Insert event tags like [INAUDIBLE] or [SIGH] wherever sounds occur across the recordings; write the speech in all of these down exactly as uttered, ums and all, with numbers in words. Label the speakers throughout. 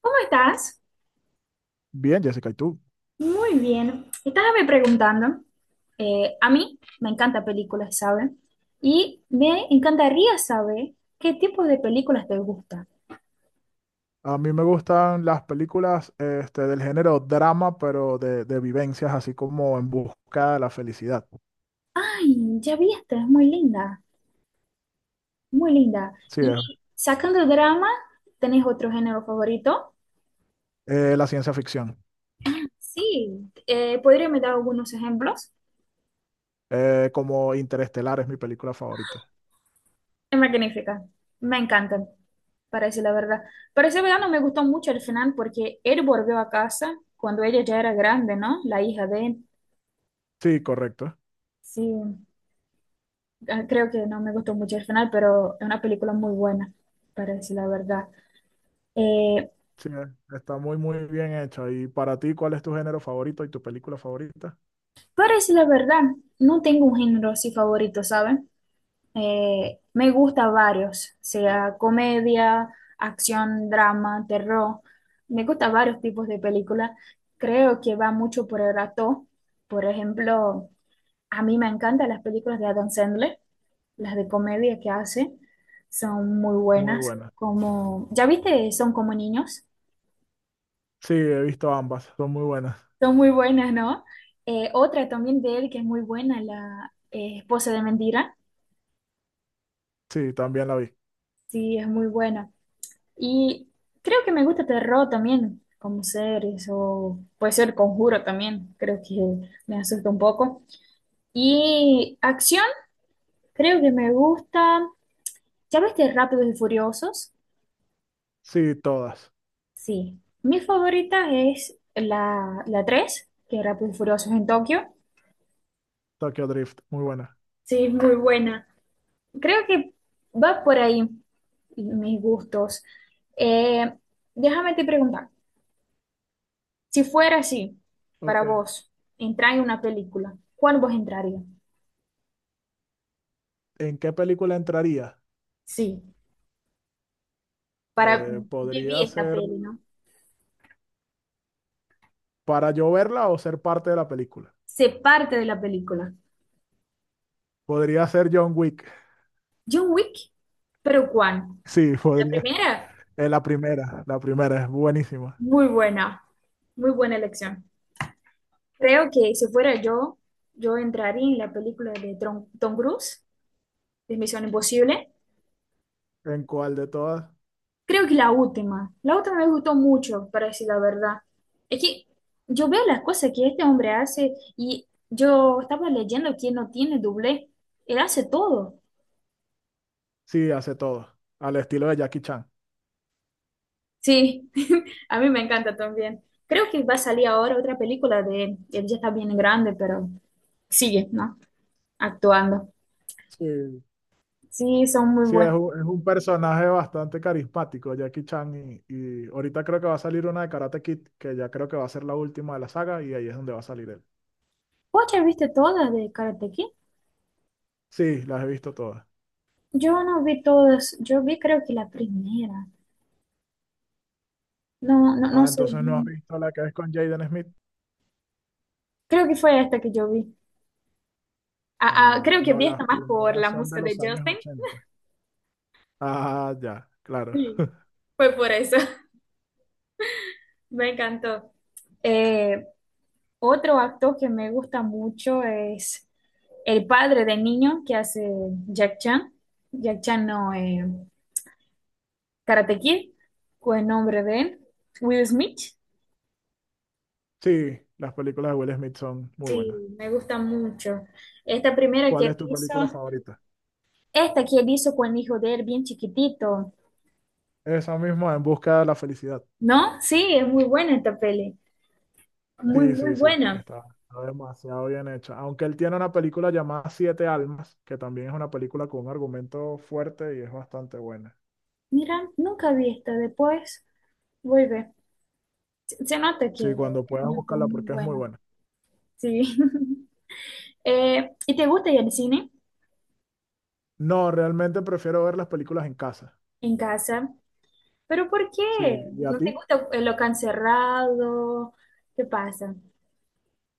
Speaker 1: ¿Cómo estás?
Speaker 2: Bien, Jessica, ¿y tú?
Speaker 1: Muy bien. Estábame preguntando. Eh, a mí me encanta películas, ¿sabes? Y me encantaría saber qué tipo de películas te gustan.
Speaker 2: A mí me gustan las películas este, del género drama, pero de, de vivencias, así como En busca de la felicidad.
Speaker 1: Ay, ya vi esta, es muy linda, muy linda.
Speaker 2: Sí, es
Speaker 1: Y sacando drama, ¿tenés otro género favorito?
Speaker 2: eh, la ciencia ficción.
Speaker 1: Sí, eh, ¿podría me dar algunos ejemplos?
Speaker 2: Eh, como Interestelar es mi película favorita.
Speaker 1: Es magnífica, me encantan, para decir la verdad. Para ser verdad, no me gustó mucho el final porque él volvió a casa cuando ella ya era grande, ¿no? La hija de él.
Speaker 2: Sí, correcto.
Speaker 1: Sí, ah, creo que no me gustó mucho el final, pero es una película muy buena, para decir la verdad. Eh,
Speaker 2: Sí, eh, está muy, muy bien hecha. ¿Y para ti, cuál es tu género favorito y tu película favorita?
Speaker 1: para decir la verdad, no tengo un género así favorito, ¿saben? Eh, me gusta varios, sea comedia, acción, drama, terror. Me gusta varios tipos de películas. Creo que va mucho por el actor. Por ejemplo, a mí me encantan las películas de Adam Sandler. Las de comedia que hace son muy
Speaker 2: Muy
Speaker 1: buenas,
Speaker 2: buena.
Speaker 1: como, ¿ya viste? Son como niños,
Speaker 2: Sí, he visto ambas, son muy buenas.
Speaker 1: son muy buenas, ¿no? Eh, otra también de él que es muy buena, la eh, esposa de mentira,
Speaker 2: Sí, también la vi.
Speaker 1: sí, es muy buena. Y creo que me gusta terror también, como series, o puede ser Conjuro también, creo que me asusta un poco. Y acción, creo que me gusta, ¿ya viste Rápidos y Furiosos?
Speaker 2: Sí, todas.
Speaker 1: Sí, mi favorita es la, la tres, que es Rápido y Furiosos en Tokio.
Speaker 2: Tokyo Drift, muy buena.
Speaker 1: Sí, es muy buena. Creo que va por ahí mis gustos. Eh, Déjame te preguntar, si fuera así, para
Speaker 2: Ok.
Speaker 1: vos, entrar en una película, ¿cuál vos entraría?
Speaker 2: ¿En qué película entraría?
Speaker 1: Sí, para
Speaker 2: Eh,
Speaker 1: vivir
Speaker 2: podría
Speaker 1: esta
Speaker 2: ser.
Speaker 1: peli, ¿no?
Speaker 2: Para yo verla o ser parte de la película.
Speaker 1: Ser parte de la película.
Speaker 2: Podría ser John Wick. [LAUGHS]
Speaker 1: John Wick, pero ¿cuál?
Speaker 2: Sí,
Speaker 1: La
Speaker 2: podría.
Speaker 1: primera,
Speaker 2: Es la primera, la primera, es buenísima.
Speaker 1: muy buena, muy buena elección. Creo que si fuera yo, yo entraría en la película de Tom, Tom Cruise, de Misión Imposible.
Speaker 2: ¿En cuál de todas?
Speaker 1: Creo que la última. La última me gustó mucho, para decir la verdad. Es que yo veo las cosas que este hombre hace y yo estaba leyendo que no tiene doblé. Él hace todo.
Speaker 2: Sí, hace todo. Al estilo de Jackie Chan.
Speaker 1: Sí, [LAUGHS] a mí me encanta también. Creo que va a salir ahora otra película de él. Él ya está bien grande, pero sigue, ¿no? Actuando.
Speaker 2: Sí.
Speaker 1: Sí, son muy
Speaker 2: Sí, es
Speaker 1: buenas.
Speaker 2: un, es un personaje bastante carismático, Jackie Chan. Y, y ahorita creo que va a salir una de Karate Kid, que ya creo que va a ser la última de la saga, y ahí es donde va a salir él.
Speaker 1: ¿Vos ya viste todas de Karate Kid?
Speaker 2: Sí, las he visto todas.
Speaker 1: Yo no vi todas, yo vi creo que la primera, no, no, no
Speaker 2: Ah,
Speaker 1: sé
Speaker 2: entonces no has
Speaker 1: bien.
Speaker 2: visto la que es con Jaden Smith.
Speaker 1: Creo que fue esta que yo vi. Ah, ah,
Speaker 2: Ah,
Speaker 1: creo que
Speaker 2: no,
Speaker 1: vi esta
Speaker 2: las
Speaker 1: más por
Speaker 2: primeras
Speaker 1: la
Speaker 2: son de
Speaker 1: música de
Speaker 2: los años
Speaker 1: Justin.
Speaker 2: ochenta. Ah, ya, claro.
Speaker 1: Sí, fue por eso. [LAUGHS] Me encantó. Eh, Otro actor que me gusta mucho es el padre del niño que hace Jack Chan. Jack Chan no, eh, Karate Kid, fue el nombre de él. Will Smith.
Speaker 2: Sí, las películas de Will Smith son muy
Speaker 1: Sí,
Speaker 2: buenas.
Speaker 1: me gusta mucho. Esta primera que
Speaker 2: ¿Cuál
Speaker 1: él
Speaker 2: es tu
Speaker 1: hizo.
Speaker 2: película favorita?
Speaker 1: Esta que él hizo con el hijo de él, bien chiquitito,
Speaker 2: Esa misma, En busca de la felicidad.
Speaker 1: ¿no? Sí, es muy buena esta peli, muy,
Speaker 2: Sí,
Speaker 1: muy
Speaker 2: sí, sí,
Speaker 1: buena.
Speaker 2: está, está demasiado bien hecha. Aunque él tiene una película llamada Siete Almas, que también es una película con un argumento fuerte y es bastante buena.
Speaker 1: Mira, nunca vi esta, después vuelve. Se, se nota que
Speaker 2: Sí, cuando
Speaker 1: es
Speaker 2: puedas
Speaker 1: un actor
Speaker 2: buscarla
Speaker 1: muy
Speaker 2: porque es muy
Speaker 1: bueno,
Speaker 2: buena.
Speaker 1: sí. [LAUGHS] Eh, ¿y te gusta ir al cine
Speaker 2: No, realmente prefiero ver las películas en casa.
Speaker 1: en casa? ¿Pero por qué?
Speaker 2: Sí, ¿y a
Speaker 1: ¿No te
Speaker 2: ti?
Speaker 1: gusta el local cerrado? ¿Qué pasa?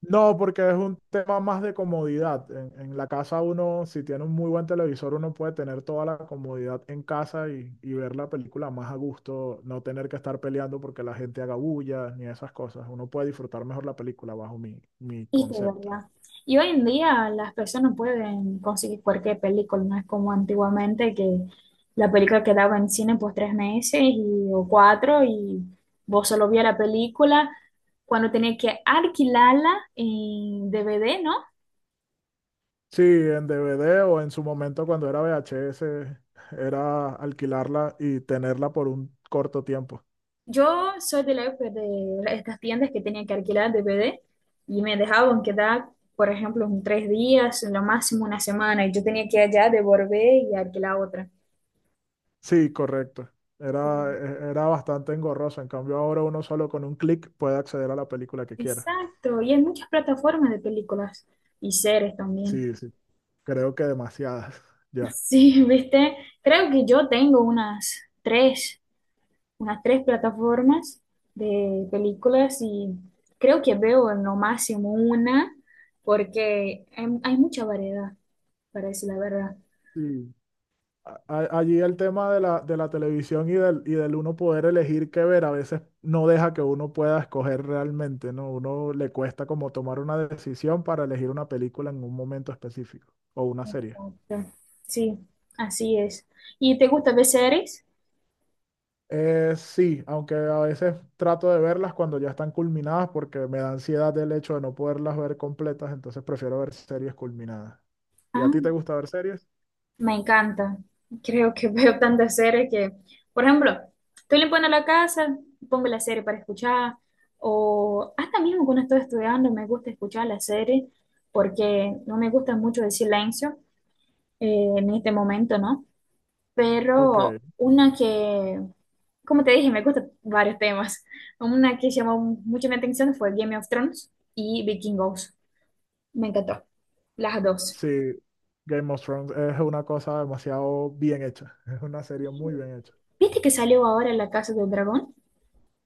Speaker 2: No, porque es un tema más de comodidad. En, en la casa uno, si tiene un muy buen televisor, uno puede tener toda la comodidad en casa y, y ver la película más a gusto, no tener que estar peleando porque la gente haga bulla ni esas cosas. Uno puede disfrutar mejor la película bajo mi, mi
Speaker 1: Es que es
Speaker 2: concepto.
Speaker 1: verdad. Y hoy en día las personas pueden conseguir cualquier película, no es como antiguamente que la película quedaba en cine por tres meses y, o cuatro, y vos solo vías la película cuando tenías que alquilarla en D V D, ¿no?
Speaker 2: Sí, en D V D o en su momento cuando era V H S, era alquilarla y tenerla por un corto tiempo.
Speaker 1: Yo soy de la época de estas tiendas que tenían que alquilar D V D y me dejaban quedar, por ejemplo, en tres días, en lo máximo una semana, y yo tenía que allá devolver y alquilar otra.
Speaker 2: Sí, correcto. Era,
Speaker 1: Sí.
Speaker 2: e- era bastante engorroso. En cambio, ahora uno solo con un clic puede acceder a la película que quiera.
Speaker 1: Exacto, y hay muchas plataformas de películas y series también.
Speaker 2: Sí, sí. Creo que demasiadas. [LAUGHS] Ya.
Speaker 1: Sí, [LAUGHS] viste, creo que yo tengo unas tres, unas tres plataformas de películas, y creo que veo en lo máximo una porque hay, hay mucha variedad, parece la verdad.
Speaker 2: Sí. A- a- Allí el tema de la, de la televisión y del, y del uno poder elegir qué ver a veces no deja que uno pueda escoger realmente, ¿no? Uno le cuesta como tomar una decisión para elegir una película en un momento específico o una serie.
Speaker 1: Exacto. Sí, así es. ¿Y te gusta ver series?
Speaker 2: Eh, sí, aunque a veces trato de verlas cuando ya están culminadas porque me da ansiedad el hecho de no poderlas ver completas, entonces prefiero ver series culminadas. ¿Y a ti te
Speaker 1: Ah.
Speaker 2: gusta ver series?
Speaker 1: Me encanta. Creo que [LAUGHS] veo tantas series que, por ejemplo, estoy limpiando la casa, pongo la serie para escuchar, o hasta mismo cuando estoy estudiando me gusta escuchar la serie porque no me gusta mucho el silencio eh, en este momento, ¿no?
Speaker 2: Ok,
Speaker 1: Pero una que, como te dije, me gustan varios temas. Una que llamó mucho mi atención fue Game of Thrones y Vikingos. Me encantó, las dos.
Speaker 2: sí, Game of Thrones es una cosa demasiado bien hecha, [LAUGHS] es una serie muy bien hecha.
Speaker 1: ¿Viste que salió ahora La Casa del Dragón?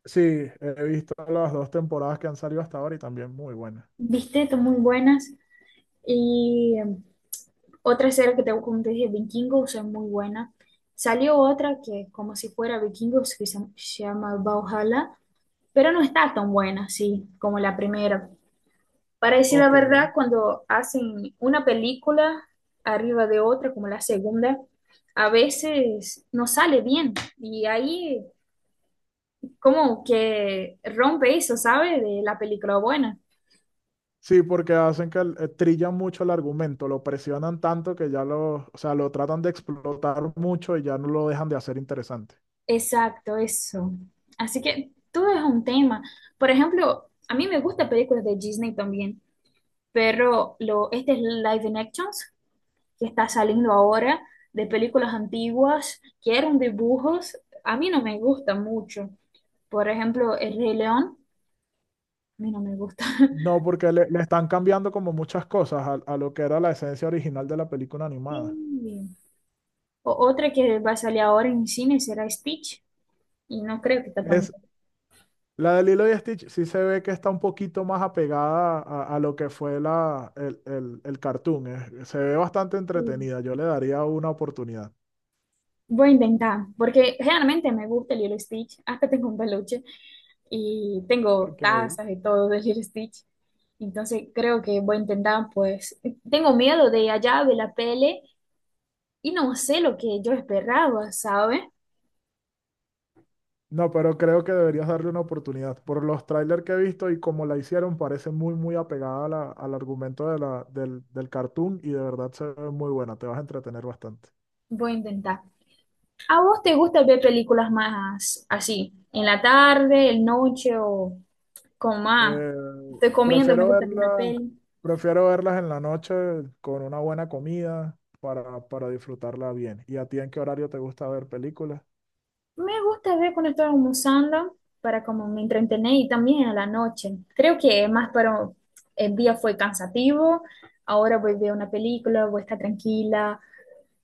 Speaker 2: Sí, he visto las dos temporadas que han salido hasta ahora y también muy buenas.
Speaker 1: ¿Viste? Son muy buenas. Y em, otra serie que tengo, como te dije, Vikingos, es muy buena. Salió otra que es como si fuera Vikingos, que se, se llama Valhalla, pero no está tan buena, sí, como la primera. Para decir la
Speaker 2: Ok,
Speaker 1: verdad, cuando hacen una película arriba de otra, como la segunda, a veces no sale bien. Y ahí como que rompe eso, ¿sabes? De la película buena.
Speaker 2: sí, porque hacen que el- eh, trillan mucho el argumento, lo presionan tanto que ya lo, o sea, lo tratan de explotar mucho y ya no lo dejan de hacer interesante.
Speaker 1: Exacto, eso. Así que todo es un tema. Por ejemplo, a mí me gustan películas de Disney también, pero lo, este es Live Actions que está saliendo ahora de películas antiguas que eran dibujos. A mí no me gusta mucho. Por ejemplo, El Rey León, a mí no me gusta.
Speaker 2: No,
Speaker 1: [LAUGHS]
Speaker 2: porque le, le están cambiando como muchas cosas a, a lo que era la esencia original de la película
Speaker 1: Sí.
Speaker 2: animada.
Speaker 1: O otra que va a salir ahora en cine será Stitch y no creo que está tan
Speaker 2: Es, la de Lilo y Stitch sí se ve que está un poquito más apegada a, a lo que fue la, el, el, el cartoon. eh. Se ve bastante
Speaker 1: buena.
Speaker 2: entretenida. Yo le daría una oportunidad.
Speaker 1: Voy a intentar, porque realmente me gusta el Lilo Stitch, hasta tengo un peluche y tengo
Speaker 2: Ok.
Speaker 1: tazas y todo de Lilo Stitch. Entonces creo que voy a intentar, pues, tengo miedo de allá de la pele y no sé lo que yo esperaba, ¿sabes?
Speaker 2: No, pero creo que deberías darle una oportunidad. Por los trailers que he visto y como la hicieron, parece muy, muy apegada a la- al argumento de la, del, del cartoon y de verdad se ve muy buena. Te vas a entretener bastante.
Speaker 1: Voy a intentar. ¿A vos te gusta ver películas más así, en la tarde, en noche o con más?
Speaker 2: Eh,
Speaker 1: Estoy comiendo, me
Speaker 2: prefiero
Speaker 1: gusta ver una
Speaker 2: verla
Speaker 1: peli.
Speaker 2: Prefiero verlas en la noche con una buena comida para, para disfrutarla bien. ¿Y a ti en qué horario te gusta ver películas?
Speaker 1: Me gusta ver cuando estoy almorzando para como me entretener, y también a la noche. Creo que más para el día fue cansativo, ahora voy a ver una película, voy a estar tranquila.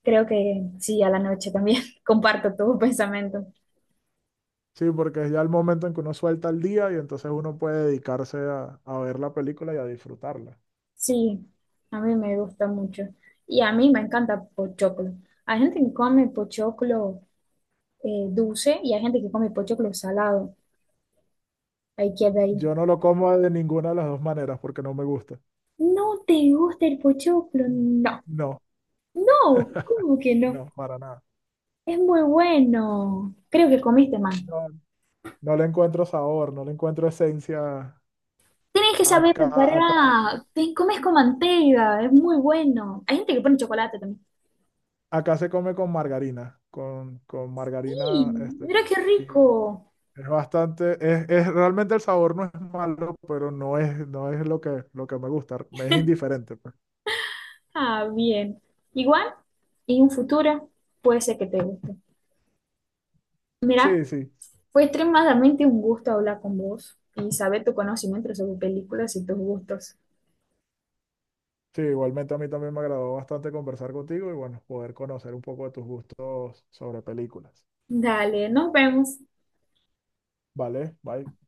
Speaker 1: Creo que sí, a la noche también [LAUGHS] comparto tu pensamiento.
Speaker 2: Sí, porque es ya el momento en que uno suelta el día y entonces uno puede dedicarse a, a ver la película y a disfrutarla.
Speaker 1: Sí, a mí me gusta mucho. Y a mí me encanta pochoclo. Hay gente que come pochoclo eh, dulce y hay gente que come pochoclo salado. Ahí queda ahí.
Speaker 2: Yo no lo como de ninguna de las dos maneras porque no me gusta.
Speaker 1: ¿No te gusta el pochoclo? No.
Speaker 2: No,
Speaker 1: No, ¿cómo que no?
Speaker 2: no, para nada.
Speaker 1: Es muy bueno. Creo que comiste más.
Speaker 2: No, no le encuentro sabor, no le encuentro esencia.
Speaker 1: Tienes que saber
Speaker 2: Acá, acá,
Speaker 1: preparar. Te comes con manteiga. Es muy bueno. Hay gente que pone chocolate también.
Speaker 2: acá se come con margarina, con, con
Speaker 1: Sí,
Speaker 2: margarina, este,
Speaker 1: mira qué
Speaker 2: y
Speaker 1: rico.
Speaker 2: es bastante, es, es- realmente el sabor no es malo, pero no es, no es lo que, lo que me gusta, me es indiferente, pues.
Speaker 1: Ah, bien. Igual, y un futuro puede ser que te guste. Mira,
Speaker 2: Sí, sí,
Speaker 1: fue extremadamente un gusto hablar con vos y saber tu conocimiento sobre películas y tus gustos.
Speaker 2: sí, igualmente a mí también me agradó bastante conversar contigo y bueno, poder conocer un poco de tus gustos sobre películas.
Speaker 1: Dale, nos vemos.
Speaker 2: Vale, bye.